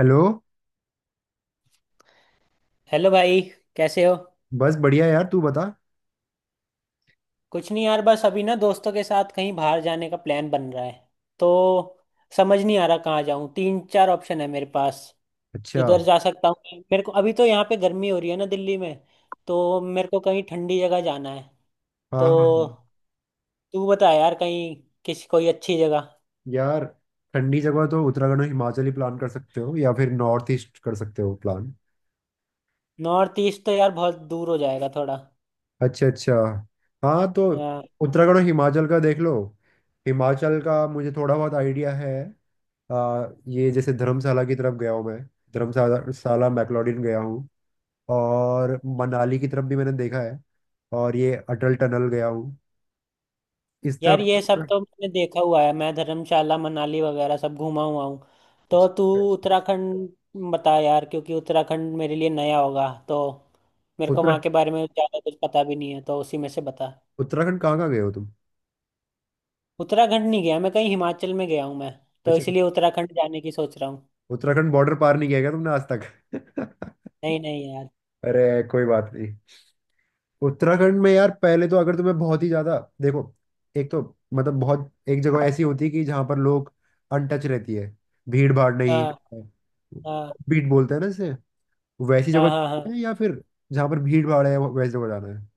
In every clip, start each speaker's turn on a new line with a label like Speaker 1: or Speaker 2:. Speaker 1: Hello.
Speaker 2: Hello भाई। कैसे हो।
Speaker 1: बस बढ़िया यार, तू बता।
Speaker 2: कुछ नहीं यार, बस अभी ना दोस्तों के साथ कहीं बाहर जाने का प्लान बन रहा है तो समझ नहीं आ रहा कहाँ जाऊँ। तीन चार ऑप्शन है मेरे पास।
Speaker 1: अच्छा।
Speaker 2: इधर जा सकता हूँ मेरे को, अभी तो यहाँ पे गर्मी हो रही है ना दिल्ली में, तो मेरे को कहीं ठंडी जगह जाना है।
Speaker 1: हाँ
Speaker 2: तो
Speaker 1: हाँ हाँ।
Speaker 2: तू बता यार, कहीं किसी कोई अच्छी जगह।
Speaker 1: यार, ठंडी जगह तो उत्तराखंड और हिमाचल ही प्लान कर सकते हो, या फिर नॉर्थ ईस्ट कर सकते हो प्लान।
Speaker 2: नॉर्थ ईस्ट तो यार बहुत दूर हो जाएगा थोड़ा।
Speaker 1: अच्छा अच्छा। हाँ, तो उत्तराखंड और हिमाचल का देख लो। हिमाचल का मुझे थोड़ा बहुत आइडिया है। ये जैसे धर्मशाला की तरफ गया हूँ मैं। धर्मशाला शाला मैक्लोडगंज गया हूँ। और मनाली की तरफ भी मैंने देखा है। और ये अटल टनल गया हूँ इस
Speaker 2: यार
Speaker 1: तरफ।
Speaker 2: ये सब तो मैंने देखा हुआ है, मैं धर्मशाला मनाली वगैरह सब घूमा हुआ हूँ। तो तू
Speaker 1: अच्छा अच्छा।
Speaker 2: उत्तराखंड बता यार, क्योंकि उत्तराखंड मेरे लिए नया होगा, तो मेरे को वहाँ
Speaker 1: उत्तरा
Speaker 2: के बारे में ज़्यादा कुछ पता भी नहीं है, तो उसी में से बता।
Speaker 1: उत्तराखंड कहाँ कहाँ गए हो तुम?
Speaker 2: उत्तराखंड नहीं गया मैं कहीं, हिमाचल में गया हूँ मैं, तो
Speaker 1: अच्छा,
Speaker 2: इसलिए उत्तराखंड जाने की सोच रहा हूँ।
Speaker 1: उत्तराखंड बॉर्डर पार नहीं किया क्या तुमने आज तक?
Speaker 2: नहीं नहीं यार।
Speaker 1: अरे, कोई बात नहीं। उत्तराखंड में यार, पहले तो अगर तुम्हें बहुत ही ज्यादा देखो, एक तो मतलब बहुत एक जगह ऐसी होती है कि जहां पर लोग अनटच रहती है, भीड़ भाड़ नहीं
Speaker 2: हाँ
Speaker 1: है,
Speaker 2: हाँ
Speaker 1: बीट बोलते हैं ना जैसे, वैसी
Speaker 2: हाँ,
Speaker 1: जगह
Speaker 2: हाँ हाँ।
Speaker 1: जाना है, या फिर जहां पर भीड़ भाड़ है, वैसी जगह जाना है?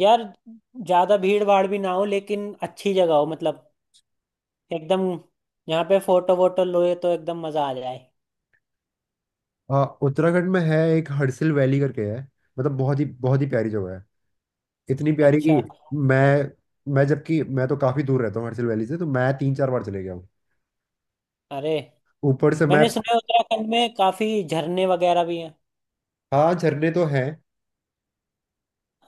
Speaker 2: यार, ज़्यादा भीड़ भाड़ भी ना हो लेकिन अच्छी जगह हो, मतलब एकदम, यहाँ पे फोटो वोटो लोए तो एकदम मज़ा आ जाए।
Speaker 1: हाँ, उत्तराखंड में है एक हडसिल वैली करके है। मतलब बहुत ही प्यारी जगह है। इतनी प्यारी
Speaker 2: अच्छा।
Speaker 1: कि मैं मैं जबकि मैं तो काफी दूर रहता हूँ हडसिल वैली से, तो मैं 3-4 बार चले गया।
Speaker 2: अरे,
Speaker 1: ऊपर से मैं।
Speaker 2: मैंने सुना है उत्तराखंड में काफी झरने वगैरह भी हैं।
Speaker 1: हाँ, झरने तो हैं।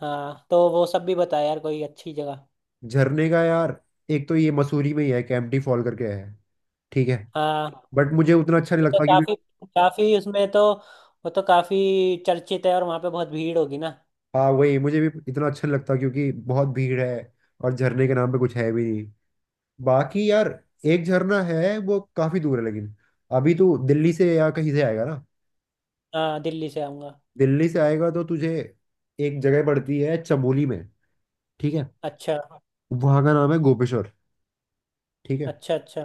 Speaker 2: हाँ, तो वो सब भी बताया यार कोई अच्छी जगह।
Speaker 1: झरने का यार, एक तो ये मसूरी में ही है कैंपटी फॉल करके है। ठीक है।
Speaker 2: हाँ,
Speaker 1: बट मुझे उतना अच्छा नहीं
Speaker 2: वो तो
Speaker 1: लगता क्योंकि।
Speaker 2: काफी काफी उसमें तो वो तो काफी चर्चित है और वहाँ पे बहुत भीड़ होगी ना।
Speaker 1: हाँ, वही मुझे भी इतना अच्छा नहीं लगता क्योंकि बहुत भीड़ है और झरने के नाम पे कुछ है भी नहीं। बाकी यार, एक झरना है वो काफी दूर है लेकिन। अभी तू दिल्ली से या कहीं से आएगा ना?
Speaker 2: हाँ, दिल्ली से आऊंगा।
Speaker 1: दिल्ली से आएगा तो तुझे एक जगह पड़ती है चमोली में। ठीक है।
Speaker 2: अच्छा,
Speaker 1: वहाँ का नाम है गोपेश्वर। ठीक है।
Speaker 2: अच्छा, अच्छा।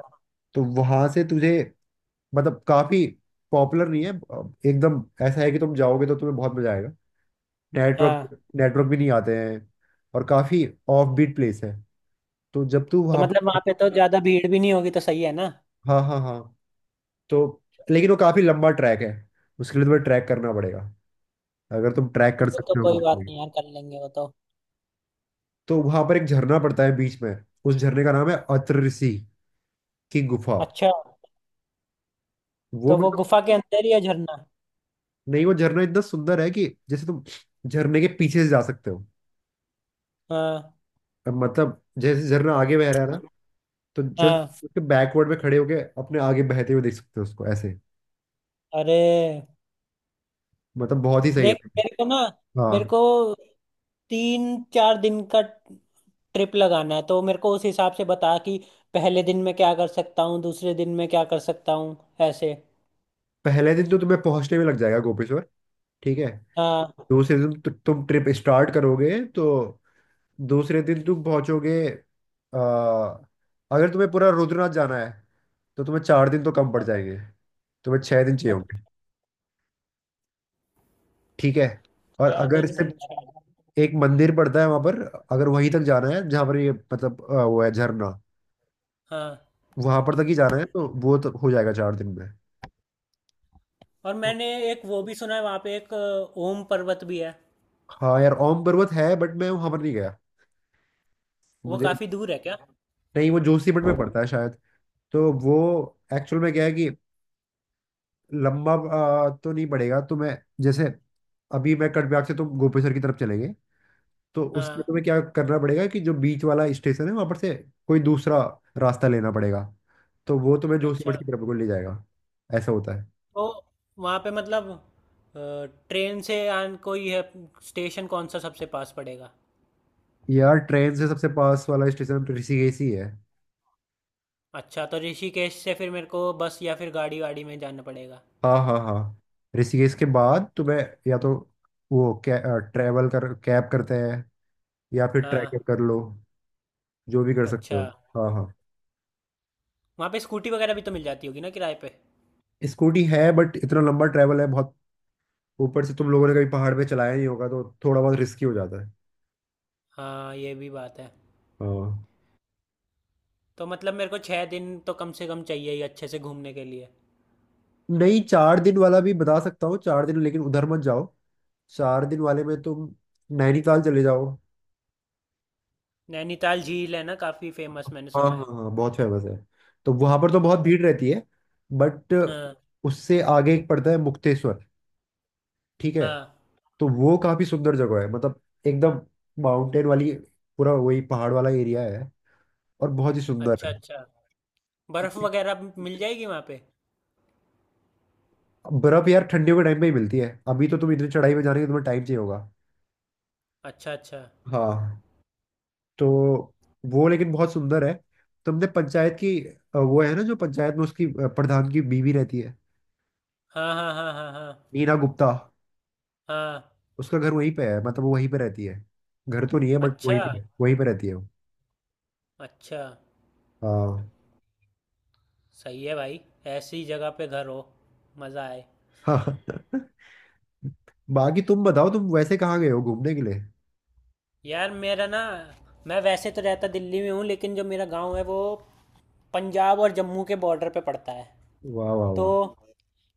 Speaker 1: तो वहां से तुझे, मतलब काफी पॉपुलर नहीं है, एकदम ऐसा है कि तुम जाओगे तो तुम्हें बहुत मजा आएगा।
Speaker 2: हाँ,
Speaker 1: नेटवर्क नेटवर्क भी नहीं आते हैं। और काफी ऑफ बीट प्लेस है। तो जब तू
Speaker 2: तो
Speaker 1: वहाँ।
Speaker 2: मतलब वहाँ पे तो ज्यादा भीड़ भी नहीं होगी, तो सही है ना।
Speaker 1: हाँ हाँ हाँ। तो लेकिन वो काफी लंबा ट्रैक है। उसके लिए तुम्हें ट्रैक करना पड़ेगा। अगर तुम ट्रैक कर
Speaker 2: वो तो
Speaker 1: सकते हो
Speaker 2: कोई
Speaker 1: तो।
Speaker 2: बात नहीं यार, कर लेंगे वो तो।
Speaker 1: तो वहां पर एक झरना पड़ता है बीच में। उस झरने का नाम है अत्र ऋषि की गुफा।
Speaker 2: अच्छा,
Speaker 1: वो,
Speaker 2: तो वो
Speaker 1: मतलब।
Speaker 2: गुफा के अंदर ही है झरना।
Speaker 1: नहीं, वो झरना इतना सुंदर है कि जैसे तुम झरने के पीछे से जा सकते हो।
Speaker 2: हाँ
Speaker 1: अब मतलब जैसे झरना आगे बह रहा है ना, तो जस्ट
Speaker 2: हाँ।
Speaker 1: उसके बैकवर्ड में खड़े होके अपने आगे बहते हुए देख सकते हो उसको ऐसे।
Speaker 2: अरे,
Speaker 1: मतलब बहुत ही सही है।
Speaker 2: देख मेरे को ना,
Speaker 1: हाँ।
Speaker 2: मेरे को तीन चार दिन का ट्रिप लगाना है, तो मेरे को उस हिसाब से बता कि पहले दिन में क्या कर सकता हूँ, दूसरे दिन में क्या कर सकता हूँ, ऐसे।
Speaker 1: पहले दिन तो तुम्हें पहुंचने में लग जाएगा गोपेश्वर। ठीक है।
Speaker 2: हाँ,
Speaker 1: दूसरे दिन तुम ट्रिप स्टार्ट करोगे, तो दूसरे दिन तुम पहुंचोगे। अ, अगर तुम्हें पूरा रुद्रनाथ जाना है तो तुम्हें 4 दिन तो कम पड़ जाएंगे। तुम्हें 6 दिन चाहिए होंगे। ठीक है। और
Speaker 2: छह
Speaker 1: अगर
Speaker 2: दिन
Speaker 1: सिर्फ
Speaker 2: अच्छा।
Speaker 1: एक मंदिर पड़ता है वहां पर, अगर वहीं तक जाना है जहां पर ये मतलब वो है झरना,
Speaker 2: हाँ,
Speaker 1: वहां पर तक ही जाना है, तो वो तो हो जाएगा 4 दिन में।
Speaker 2: और मैंने एक वो भी सुना है वहाँ पे एक ओम पर्वत भी है।
Speaker 1: हाँ यार, ओम पर्वत है बट मैं वहां पर नहीं गया।
Speaker 2: वो
Speaker 1: मुझे।
Speaker 2: काफी दूर है क्या।
Speaker 1: नहीं, वो जोशीमठ में पड़ता है शायद। तो वो एक्चुअल में क्या है कि लंबा तो नहीं पड़ेगा, तो मैं जैसे अभी मैं कटबिहार से तो गोपेश्वर की तरफ चलेंगे, तो उसमें
Speaker 2: हाँ।
Speaker 1: तुम्हें क्या करना पड़ेगा कि जो बीच वाला स्टेशन है वहां पर से कोई दूसरा रास्ता लेना पड़ेगा। तो वो तुम्हें जोशीमठ
Speaker 2: अच्छा,
Speaker 1: की तरफ को ले जाएगा। ऐसा होता है।
Speaker 2: तो वहाँ पे मतलब ट्रेन से आन कोई है, स्टेशन कौन सा सबसे पास पड़ेगा।
Speaker 1: यार, ट्रेन से सबसे पास वाला स्टेशन ऋषिकेश ही है।
Speaker 2: अच्छा, तो ऋषिकेश से फिर मेरे को बस या फिर गाड़ी वाड़ी में जाना पड़ेगा।
Speaker 1: हाँ हाँ हाँ। ऋषिकेश के बाद तुम्हें, या तो वो ट्रैवल कर कैब करते हैं, या फिर ट्रैकर
Speaker 2: हाँ,
Speaker 1: कर लो, जो भी कर सकते
Speaker 2: अच्छा।
Speaker 1: हो। हाँ हाँ।
Speaker 2: वहाँ पे स्कूटी वगैरह भी तो मिल जाती होगी ना किराए पे।
Speaker 1: स्कूटी है बट इतना लंबा ट्रैवल है बहुत। ऊपर से तुम लोगों ने कभी पहाड़ पे चलाया नहीं होगा, तो थोड़ा बहुत रिस्की हो जाता है।
Speaker 2: हाँ, ये भी बात है।
Speaker 1: हाँ।
Speaker 2: तो मतलब मेरे को 6 दिन तो कम से कम चाहिए ही, अच्छे से घूमने के लिए।
Speaker 1: नहीं, 4 दिन वाला भी बता सकता हूँ। 4 दिन, लेकिन उधर मत जाओ। 4 दिन वाले में तुम नैनीताल चले जाओ।
Speaker 2: नैनीताल झील है ना, काफ़ी फेमस, मैंने
Speaker 1: हाँ
Speaker 2: सुना
Speaker 1: हाँ
Speaker 2: है।
Speaker 1: हाँ, बहुत फेमस है। तो वहां पर तो बहुत
Speaker 2: हाँ
Speaker 1: भीड़ रहती है, बट।
Speaker 2: हाँ
Speaker 1: उससे आगे एक पड़ता है मुक्तेश्वर। ठीक है।
Speaker 2: हाँ।
Speaker 1: तो वो काफी सुंदर जगह है, मतलब एकदम माउंटेन वाली। पूरा वही पहाड़ वाला एरिया है और बहुत ही सुंदर
Speaker 2: अच्छा,
Speaker 1: है।
Speaker 2: अच्छा। बर्फ़ वगैरह भी मिल जाएगी वहाँ पे।
Speaker 1: बर्फ यार, ठंडियों के टाइम में ही मिलती है। अभी तो तुम इतनी चढ़ाई में जा रहे हो, तुम्हें टाइम चाहिए होगा।
Speaker 2: अच्छा, अच्छा।
Speaker 1: हाँ। तो वो लेकिन बहुत सुंदर है। तुमने पंचायत की, वो है ना जो पंचायत में उसकी, प्रधान की बीवी रहती है,
Speaker 2: हाँ हाँ हाँ, हाँ हाँ
Speaker 1: नीना गुप्ता?
Speaker 2: हाँ।
Speaker 1: उसका घर वहीं पे है, मतलब वो वहीं पे रहती है। घर तो नहीं है बट
Speaker 2: अच्छा,
Speaker 1: वहीं पे रहती है वो।
Speaker 2: अच्छा।
Speaker 1: हाँ
Speaker 2: सही है भाई, ऐसी जगह पे घर हो, मज़ा आए।
Speaker 1: हाँ। बाकी तुम बताओ, तुम वैसे कहाँ गए हो घूमने के लिए?
Speaker 2: यार मेरा ना, मैं वैसे तो रहता दिल्ली में हूँ, लेकिन जो मेरा गांव है वो पंजाब और जम्मू के बॉर्डर पे पड़ता है।
Speaker 1: वाह वाह
Speaker 2: तो
Speaker 1: वाह।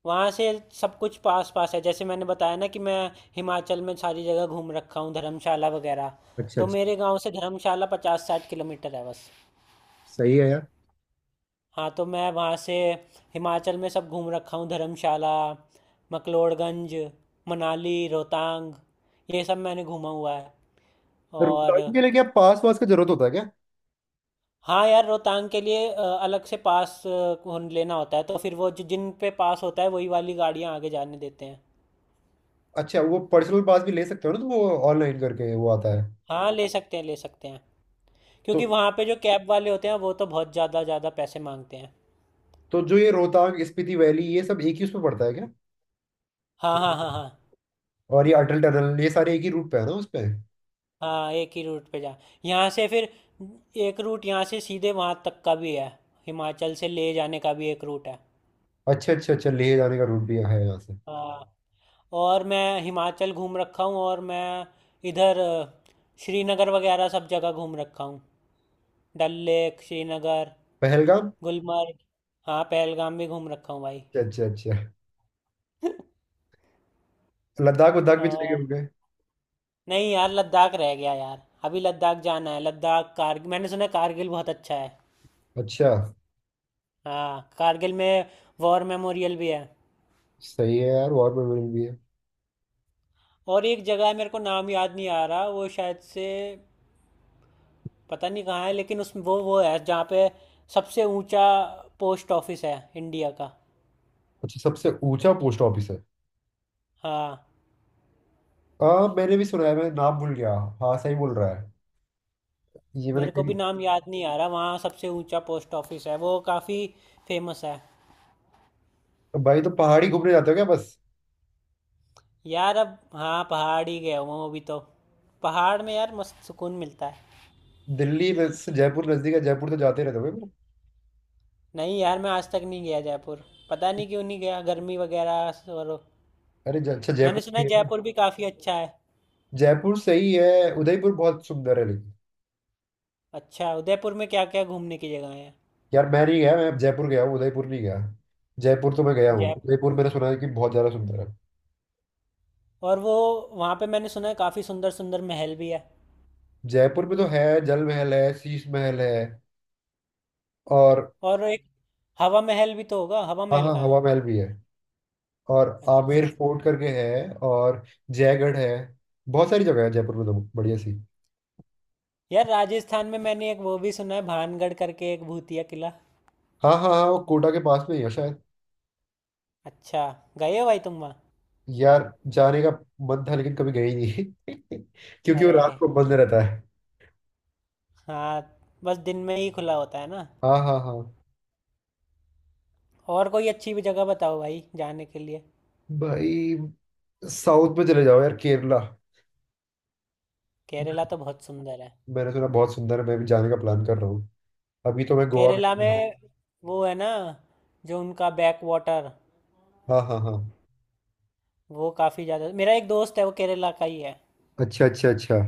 Speaker 2: वहाँ से सब कुछ पास पास है, जैसे मैंने बताया ना कि मैं हिमाचल में सारी जगह घूम रखा हूँ, धर्मशाला वगैरह।
Speaker 1: अच्छा
Speaker 2: तो
Speaker 1: अच्छा।
Speaker 2: मेरे गांव से धर्मशाला 50 60 किलोमीटर है बस।
Speaker 1: सही है यार।
Speaker 2: हाँ, तो मैं वहाँ से हिमाचल में सब घूम रखा हूँ। धर्मशाला, मकलोड़गंज, मनाली, रोहतांग, ये सब मैंने घूमा हुआ है। और
Speaker 1: रिकॉर्डिंग के लिए क्या पास वास का जरूरत होता है क्या?
Speaker 2: हाँ यार, रोहतांग के लिए अलग से पास लेना होता है, तो फिर वो जो जिन पे पास होता है वही वाली गाड़ियाँ आगे जाने देते हैं।
Speaker 1: अच्छा, वो पर्सनल पास भी ले सकते हो ना, तो वो ऑनलाइन करके वो आता है।
Speaker 2: हाँ ले सकते हैं, ले सकते हैं।
Speaker 1: तो
Speaker 2: क्योंकि वहाँ पे जो कैब वाले होते हैं वो तो बहुत ज़्यादा ज़्यादा पैसे मांगते हैं।
Speaker 1: तो जो ये रोहतांग स्पीति वैली, ये सब एक ही उसमें पड़ता है क्या?
Speaker 2: हाँ हाँ हाँ, हाँ
Speaker 1: और ये अटल टनल, ये सारे एक ही रूट पे है ना उस पे?
Speaker 2: हाँ। एक ही रूट पे जा, यहाँ से फिर एक रूट यहाँ से सीधे वहाँ तक का भी है, हिमाचल से ले जाने का भी एक रूट है।
Speaker 1: अच्छा अच्छा अच्छा, लेह जाने का रूट भी है यहाँ से।
Speaker 2: हाँ, और मैं हिमाचल घूम रखा हूँ, और मैं इधर श्रीनगर वगैरह सब जगह घूम रखा हूँ। डल लेक, श्रीनगर,
Speaker 1: पहलगाम।
Speaker 2: गुलमर्ग। हाँ, पहलगाम भी घूम रखा हूँ भाई।
Speaker 1: अच्छा अच्छा अच्छा, लद्दाख वद्दाख भी चले गए
Speaker 2: और
Speaker 1: होंगे?
Speaker 2: नहीं यार, लद्दाख रह गया यार। अभी लद्दाख जाना है, लद्दाख कारगिल, मैंने सुना है कारगिल बहुत अच्छा है।
Speaker 1: अच्छा।
Speaker 2: हाँ, कारगिल में वॉर मेमोरियल भी है।
Speaker 1: सही है यार, वॉर मेमोरियल भी है।
Speaker 2: और एक जगह है, मेरे को नाम याद नहीं आ रहा, वो शायद से पता नहीं कहाँ है, लेकिन उस वो है जहाँ पे सबसे ऊंचा पोस्ट ऑफिस है इंडिया का।
Speaker 1: अच्छा, सबसे ऊंचा पोस्ट ऑफिस है।
Speaker 2: हाँ,
Speaker 1: हाँ, मैंने भी सुना है, मैं नाम भूल गया। हाँ, सही बोल रहा है। ये मैंने
Speaker 2: मेरे को
Speaker 1: कहीं।
Speaker 2: भी नाम याद नहीं आ रहा, वहाँ सबसे ऊंचा पोस्ट ऑफिस है, वो काफ़ी फेमस है।
Speaker 1: तो भाई, तो पहाड़ी घूमने जाते हो क्या बस?
Speaker 2: यार अब हाँ पहाड़ ही गया हूँ, वो भी तो। पहाड़ में यार मस्त सुकून मिलता है।
Speaker 1: दिल्ली में से जयपुर नजदीक है, जयपुर तो जाते रहते हो क्या?
Speaker 2: नहीं यार, मैं आज तक नहीं गया जयपुर, पता नहीं क्यों नहीं गया, गर्मी वगैरह और।
Speaker 1: अरे अच्छा,
Speaker 2: मैंने
Speaker 1: जयपुर
Speaker 2: सुना
Speaker 1: भी
Speaker 2: है
Speaker 1: है क्या?
Speaker 2: जयपुर भी काफ़ी अच्छा है।
Speaker 1: जयपुर सही है, उदयपुर बहुत सुंदर है लेकिन।
Speaker 2: अच्छा, उदयपुर में क्या क्या घूमने की जगह है।
Speaker 1: यार मैं नहीं गया, मैं जयपुर गया हूँ, उदयपुर नहीं गया। जयपुर तो मैं गया हूँ,
Speaker 2: जयपुर,
Speaker 1: उदयपुर मैंने सुना है कि बहुत ज्यादा सुंदर है।
Speaker 2: और वो वहाँ पे मैंने सुना है काफ़ी सुंदर सुंदर महल भी है।
Speaker 1: जयपुर में तो है, जल महल है, शीश महल है, और।
Speaker 2: और एक हवा महल भी तो होगा, हवा
Speaker 1: हाँ
Speaker 2: महल
Speaker 1: हाँ,
Speaker 2: कहाँ है।
Speaker 1: हवा महल भी है। और आमेर
Speaker 2: अच्छा,
Speaker 1: फोर्ट करके है, और जयगढ़ है। बहुत सारी जगह है जयपुर में तो, बढ़िया सी।
Speaker 2: यार राजस्थान में मैंने एक वो भी सुना है, भानगढ़ करके एक भूतिया किला।
Speaker 1: हाँ हाँ हाँ, वो कोटा के पास में ही है शायद।
Speaker 2: अच्छा, गए हो भाई तुम वहाँ।
Speaker 1: यार, जाने का मन था, लेकिन कभी गए ही नहीं। क्योंकि वो
Speaker 2: अरे
Speaker 1: रात को बंद रहता है।
Speaker 2: हाँ, बस दिन में ही खुला होता है ना।
Speaker 1: हाँ हाँ हाँ।
Speaker 2: और कोई अच्छी भी जगह बताओ भाई जाने के लिए।
Speaker 1: भाई, साउथ में चले जाओ यार, केरला।
Speaker 2: केरला तो बहुत सुंदर है।
Speaker 1: मैंने सुना बहुत सुंदर है, मैं भी जाने का प्लान कर रहा हूँ। अभी तो मैं गोवा
Speaker 2: केरला
Speaker 1: गया था।
Speaker 2: में वो है ना, जो उनका बैक वाटर,
Speaker 1: हाँ हाँ हाँ।
Speaker 2: वो काफ़ी ज़्यादा। मेरा एक दोस्त है वो केरला का ही है।
Speaker 1: अच्छा अच्छा अच्छा।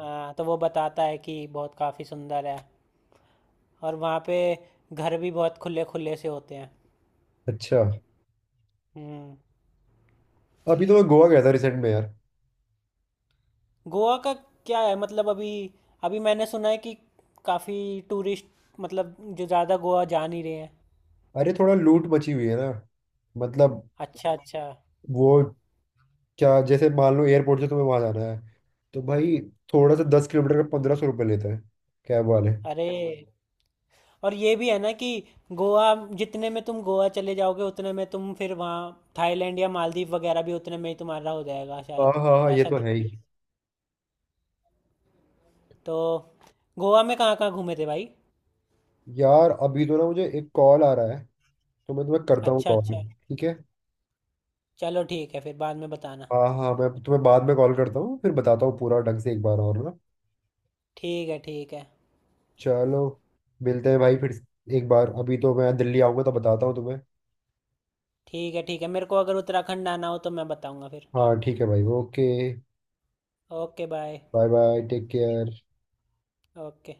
Speaker 2: हाँ, तो वो बताता है कि बहुत काफ़ी सुंदर है, और वहाँ पे घर भी बहुत खुले खुले से होते हैं।
Speaker 1: अच्छा,
Speaker 2: हम्म।
Speaker 1: अभी तो मैं गोवा गया था रिसेंट में यार।
Speaker 2: गोवा का क्या है, मतलब अभी, अभी मैंने सुना है कि काफ़ी टूरिस्ट, मतलब जो ज़्यादा गोवा जा नहीं रहे हैं।
Speaker 1: अरे, थोड़ा लूट मची हुई है ना, मतलब
Speaker 2: अच्छा, अच्छा।
Speaker 1: वो क्या, जैसे मान लो एयरपोर्ट से तुम्हें वहां जाना है, तो भाई थोड़ा सा 10 किलोमीटर का ₹1500 लेता है कैब वाले।
Speaker 2: अरे, और ये भी है ना कि गोवा, जितने में तुम गोवा चले जाओगे उतने में तुम फिर वहाँ थाईलैंड या मालदीव वगैरह भी उतने में ही तुम्हारा हो जाएगा
Speaker 1: हाँ
Speaker 2: शायद।
Speaker 1: हाँ हाँ, ये
Speaker 2: ऐसा
Speaker 1: तो
Speaker 2: कुछ
Speaker 1: है
Speaker 2: भी
Speaker 1: ही।
Speaker 2: है। तो गोवा में कहाँ कहाँ घूमे थे भाई।
Speaker 1: यार, अभी तो ना मुझे एक कॉल आ रहा है, तो मैं तुम्हें करता हूँ
Speaker 2: अच्छा,
Speaker 1: कॉल।
Speaker 2: अच्छा।
Speaker 1: ठीक है।
Speaker 2: चलो ठीक है, फिर बाद में बताना।
Speaker 1: हाँ हाँ, मैं तुम्हें बाद में कॉल करता हूँ, फिर बताता हूँ पूरा ढंग से एक बार और ना।
Speaker 2: ठीक है, ठीक है।
Speaker 1: चलो, मिलते हैं भाई फिर एक बार, अभी तो मैं दिल्ली आऊँगा तो बताता हूँ तुम्हें।
Speaker 2: ठीक है, ठीक है, मेरे को अगर उत्तराखंड आना हो तो मैं बताऊंगा फिर।
Speaker 1: हाँ, ठीक है भाई, okay.
Speaker 2: Okay bye.
Speaker 1: Bye bye, take care.
Speaker 2: Okay.